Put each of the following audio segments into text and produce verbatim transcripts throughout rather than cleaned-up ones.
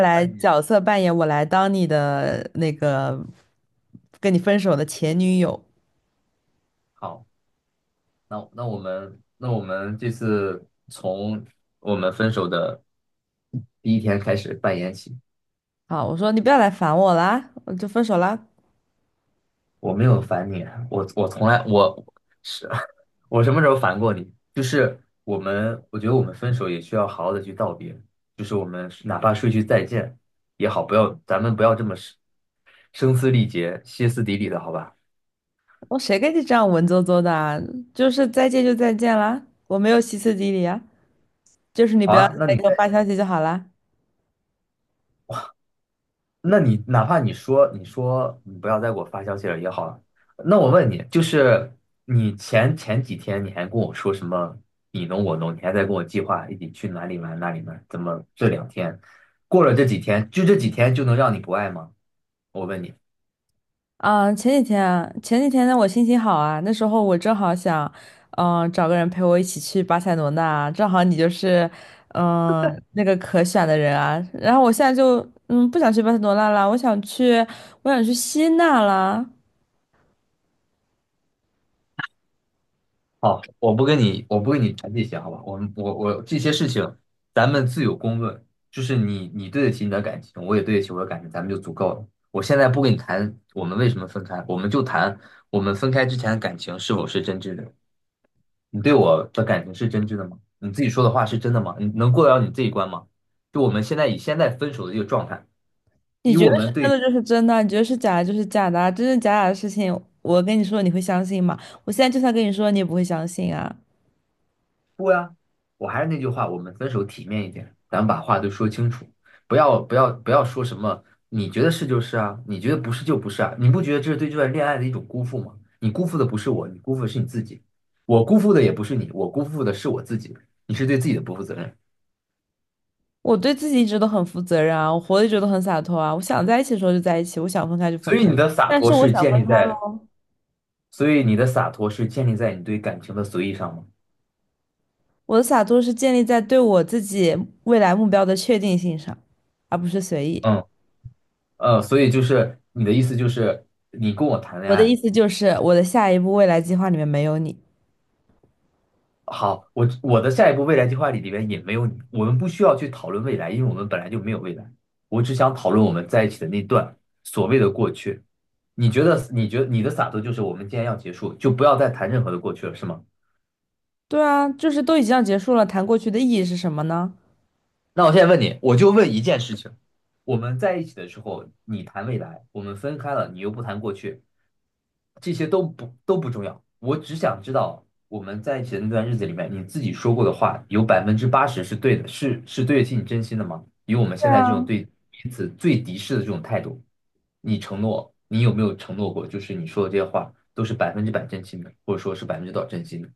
来扮演。角色扮演，我来当你的那个跟你分手的前女友。好，那那我们那我们这次从我们分手的第一天开始扮演起。好，我说你不要来烦我啦，我就分手啦。我没有烦你，我我从来我是 我什么时候烦过你？就是我们，我觉得我们分手也需要好好的去道别，就是我们哪怕说一句再见也好，不要咱们不要这么声声嘶力竭、歇斯底里的，好吧？我谁跟你这样文绉绉的啊？就是再见就再见啦，我没有歇斯底里啊，就是你好不要啊，那再你。给我发消息就好啦。那你哪怕你说你说你不要再给我发消息了也好了，那我问你，就是你前前几天你还跟我说什么你侬我侬，你还在跟我计划一起去哪里玩哪里玩，怎么这两天过了这几天，就这几天就能让你不爱吗？我问你。啊，前几天啊前几天呢，我心情好啊，那时候我正好想，嗯、找个人陪我一起去巴塞罗那啊，正好你就是，嗯、那个可选的人啊。然后我现在就，嗯，不想去巴塞罗那啦，我想去，我想去希腊啦。好，我不跟你，我不跟你谈这些，好吧？我们我我这些事情，咱们自有公论。就是你你对得起你的感情，我也对得起我的感情，咱们就足够了。我现在不跟你谈我们为什么分开，我们就谈我们分开之前的感情是否是真挚的。你对我的感情是真挚的吗？你自己说的话是真的吗？你能过得了你这一关吗？就我们现在以现在分手的这个状态。你觉得是真的就是真的，你觉得是假的就是假的啊，真真假假的事情，我跟你说你会相信吗？我现在就算跟你说，你也不会相信啊。啊！我还是那句话，我们分手体面一点，咱们把话都说清楚，不要不要不要说什么你觉得是就是啊，你觉得不是就不是啊，你不觉得这是对这段恋爱的一种辜负吗？你辜负的不是我，你辜负的是你自己，我辜负的也不是你，我辜负的是我自己，你是对自己的不负责任。我对自己一直都很负责任啊，我活得一直都很洒脱啊。我想在一起的时候就在一起，我想分开就分所开。以你的洒但脱是我是想建分立开在，喽，所以你的洒脱是建立在你对感情的随意上吗？我的洒脱是建立在对我自己未来目标的确定性上，而不是随意。嗯，呃，所以就是你的意思就是你跟我谈恋我的爱。意思就是，我的下一步未来计划里面没有你。好，我我的下一步未来计划里里边也没有你，我们不需要去讨论未来，因为我们本来就没有未来。我只想讨论我们在一起的那段所谓的过去。你觉得？你觉得你的洒脱就是我们既然要结束，就不要再谈任何的过去了，是吗？对啊，就是都已经要结束了，谈过去的意义是什么呢？那我现在问你，我就问一件事情：我们在一起的时候，你谈未来，我们分开了，你又不谈过去，这些都不都不重要，我只想知道我们在一起的那段日子里面，你自己说过的话有百分之八十是对的，是是对得起你真心的吗？以我们对现在这种啊，对彼此最敌视的这种态度，你承诺，你有没有承诺过，就是你说的这些话都是百分之百真心的，或者说是百分之多少真心的？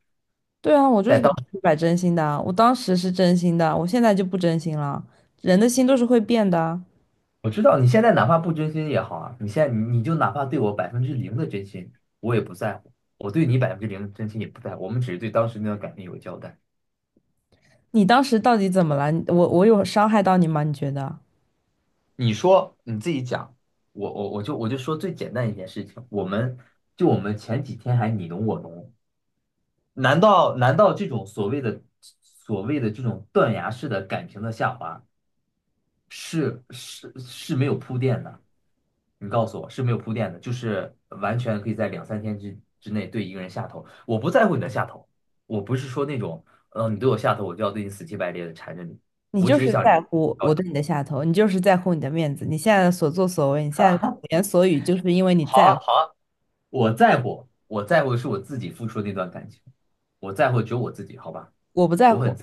对啊，我就是但百当分之百真心的啊，我当时是真心的，我现在就不真心了。人的心都是会变的啊。我知道你现在哪怕不真心也好啊，你现在你你就哪怕对我百分之零的真心，我也不在乎，我对你百分之零的真心也不在乎，我们只是对当时那段感情有个交代。你当时到底怎么了？你我我有伤害到你吗？你觉得？你说你自己讲，我我我就我就说最简单一件事情，我们就我们前几天还你侬我侬，难道难道这种所谓的所谓的这种断崖式的感情的下滑是是是没有铺垫的？你告诉我是没有铺垫的，就是完全可以在两三天之之内对一个人下头。我不在乎你的下头，我不是说那种，呃，你对我下头，我就要对你死乞白赖的缠着你，你我只就是是想，在乎我哦，对你的下头，你就是在乎你的面子，你现在的所作所为，你现在的所言所语，就是因为你好在乎，啊好啊。我在乎，我在乎的是我自己付出的那段感情，我在乎只有我自己，好吧？我不在我乎。很，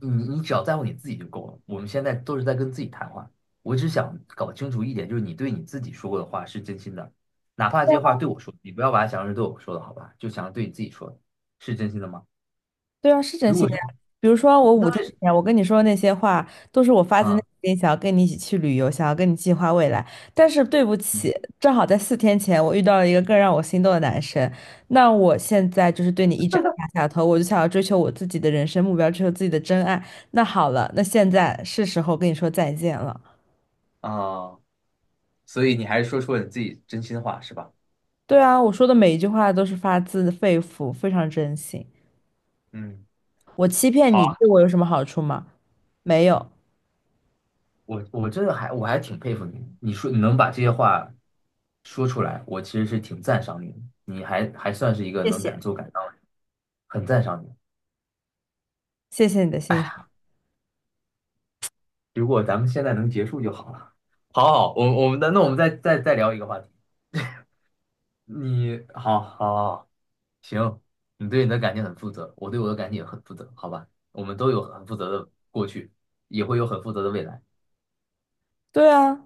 你你只要在乎你自己就够了。我们现在都是在跟自己谈话，我只想搞清楚一点，就是你对你自己说过的话是真心的，哪怕这些话对我说，你不要把它想成是对我说的，好吧？就想着对你自己说的，是真心的吗？对啊，是真如心果的是，呀。比如说，我那五天为什前我跟你说的那些话，都是我发么？自内啊心想要跟你一起去旅游，想要跟你计划未来。但是对不嗯起，正好在四天前我遇到了一个更让我心动的男生，那我现在就是对你一整个大下头，我就想要追求我自己的人生目标，追求自己的真爱。那好了，那现在是时候跟你说再见了。啊，所以你还是说出了你自己真心话，是吧？对啊，我说的每一句话都是发自肺腑，非常真心。嗯。我欺骗好。你，对我有什么好处吗？没有，我我真的还我还挺佩服你，你说你能把这些话说出来，我其实是挺赞赏你的，你还还算是一个谢能敢谢，做敢当的人很赞赏你。谢谢你的哎欣呀，赏。如果咱们现在能结束就好了。好好，我我们的那我们再再再聊一个话题。你好好好，行，你对你的感情很负责，我对我的感情也很负责，好吧？我们都有很负责的过去，也会有很负责的未来。对啊，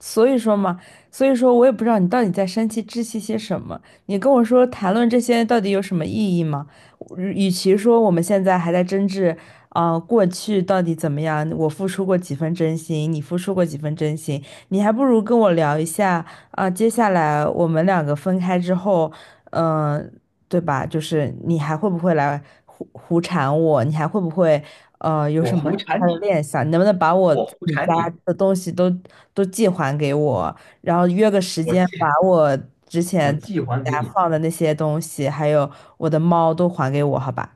所以说嘛，所以说我也不知道你到底在生气窒息些什么。你跟我说谈论这些到底有什么意义吗？我与其说我们现在还在争执，啊、过去到底怎么样，我付出过几分真心，你付出过几分真心，你还不如跟我聊一下啊、接下来我们两个分开之后，嗯、对吧？就是你还会不会来胡胡缠我？你还会不会？呃，有我什么胡他缠的你，念想？你能不能把我我自胡己缠家你，的东西都都寄还给我？然后约个时我间，把借我之我前在寄你还给家你。放的那些东西，还有我的猫都还给我，好吧？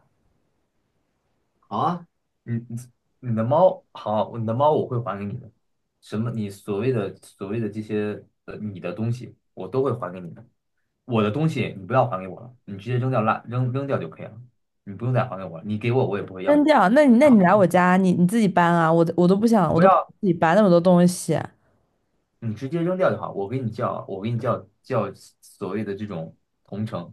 好啊，你你你的猫好啊，你的猫我会还给你的。什么？你所谓的所谓的这些呃，你的东西我都会还给你的。我的东西你不要还给我了，你直接扔掉垃扔扔掉就可以了，你不用再还给我了。你给我我也不会要扔的。掉？那你那然你后来我你家，你你自己搬啊！我我都不想，我我不都不想要，自己搬那么多东西。你直接扔掉就好。我给你叫，我给你叫叫所谓的这种同城，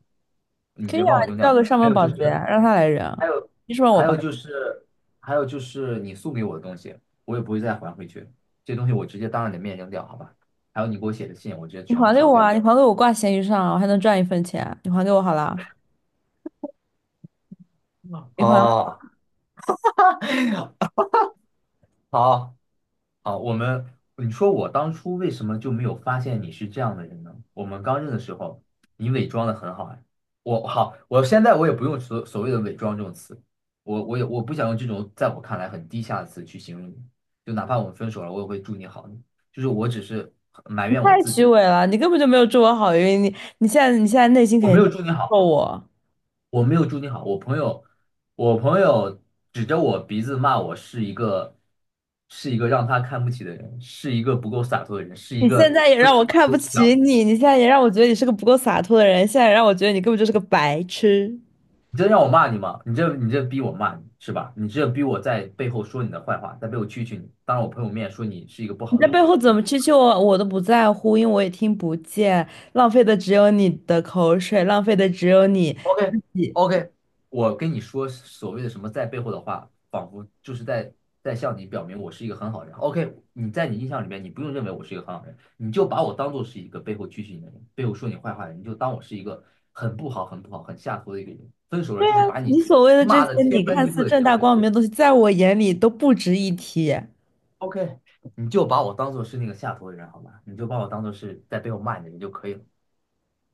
你直可以接啊，帮我扔你掉叫就好。个上还门有保就洁，是。让他来还扔。有你说让我还搬？有就是，还有就是你送给我的东西，我也不会再还回去。这东西我直接当着你的面扔掉，好吧？还有你给我写的信，我直接你全部还给烧我掉。啊！你还给我挂闲鱼上啊，我还能赚一分钱。你还给我好了，你还。哦，好，好，我们，你说我当初为什么就没有发现你是这样的人呢？我们刚认的时候，你伪装的很好哎。我好，我现在我也不用所所谓的伪装这种词，我我也我不想用这种在我看来很低下的词去形容你。就哪怕我们分手了，我也会祝你好。就是我只是埋怨我太自虚己。伪了，你根本就没有祝我好运，你你现在你现在内心肯我没定有在祝你咒好，我，我没有祝你好。我朋友，我朋友指着我鼻子骂我是一个，是一个让他看不起的人，是一个不够洒脱的人，是一你现个在也分让手我了看不都不起讲。你，你现在也让我觉得你是个不够洒脱的人，现在也让我觉得你根本就是个白痴。你这让我骂你吗？你这你这逼我骂你是吧？你这逼我在背后说你的坏话，在背后蛐蛐你，当着我朋友面说你是一个不你好在的背人。后怎嗯 么蛐蛐我，我都不在乎，因为我也听不见，浪费的只有你的口水，浪费的只有你 OK 你 OK，我跟你说所谓的什么在背后的话，仿佛就是在在向你表明我是一个很好的人。OK，你在你印象里面，你不用认为我是一个很好人，你就把我当做是一个背后蛐蛐你的人，背后说你坏话的人，你就当我是一个很不好、很不好、很下头的一个人。分手了对啊，就是把你你所谓的这骂些的你天翻看地覆似的人正就大可以了。光明的东西，在我眼里都不值一提。OK，你就把我当做是那个下头的人好吧，你就把我当做是在背后骂你的人就可以了，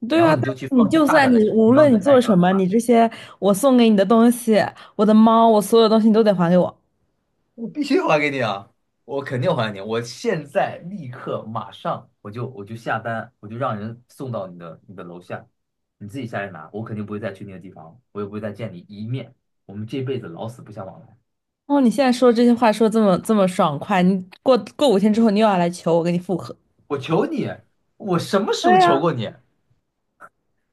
对然啊，后但你就是去你放心就大算胆的你去无寻找你论你的下做一段什么，你吧。这些我送给你的东西，我的猫，我所有东西你都得还给我。我必须还给你啊！我肯定还你！我现在立刻马上我就我就下单，我就让人送到你的你的楼下，你自己下来拿。我肯定不会再去那个地方，我也不会再见你一面。我们这辈子老死不相往来。哦，你现在说这些话说这么这么爽快，你过过五天之后你又要来求我跟你复合。我求你，我什么时对候求呀，过你？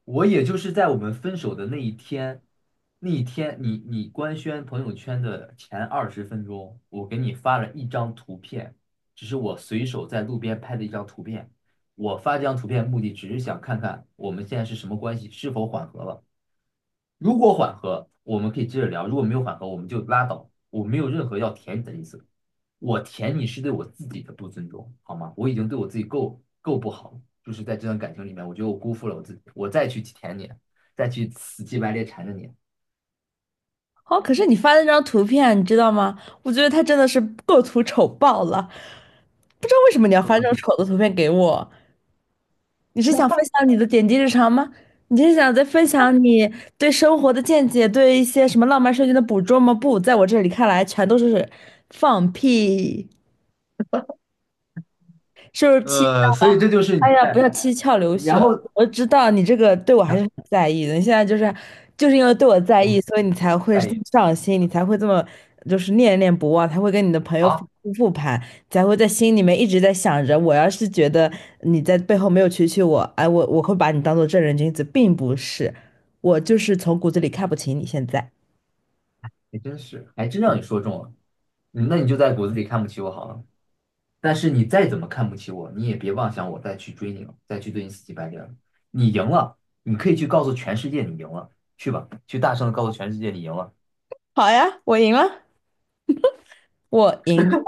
我也就是在我们分手的那一天，那一天你你官宣朋友圈的前二十分钟，我给你发了一张图片，只是我随手在路边拍的一张图片。我发这张图片目的只是想看看我们现在是什么关系，是否缓和了。如果缓和，我们可以接着聊；如果没有缓和，我们就拉倒。我没有任何要舔你的意思，我舔你是对我自己的不尊重，好吗？我已经对我自己够够不好了，就是在这段感情里面，我觉得我辜负了我自己，我再去舔你，再去死乞白赖缠着你，好，可是你发的那张图片，你知道吗？我觉得他真的是构图丑爆了，不知道为什么你要够发这种不丑够？的图片给我。你是想分享你的点滴日常吗？你是想再分享你对生活的见解，对一些什么浪漫瞬间的捕捉吗？不，在我这里看来，全都是放屁。是不是气窍呃，所以了？这就是你哎呀，不在，要七窍流然血！后我知道你这个对我还是很在意的。你现在就是就是因为对我在意，我所以你才会再这一么上心，你才会这么就是念念不忘，才会跟你的朋友反好。复复盘，才会在心里面一直在想着，我要是觉得你在背后没有蛐蛐我，哎，我我会把你当做正人君子，并不是，我就是从骨子里看不起你。现在也真是，还真让你说中了，嗯那你就在骨子里看不起我好了。但是你再怎么看不起我，你也别妄想我再去追你了，再去对你死乞白赖了。你赢了，你可以去告诉全世界你赢了，去吧，去大声的告诉全世界你赢了。好呀，我赢了，我赢。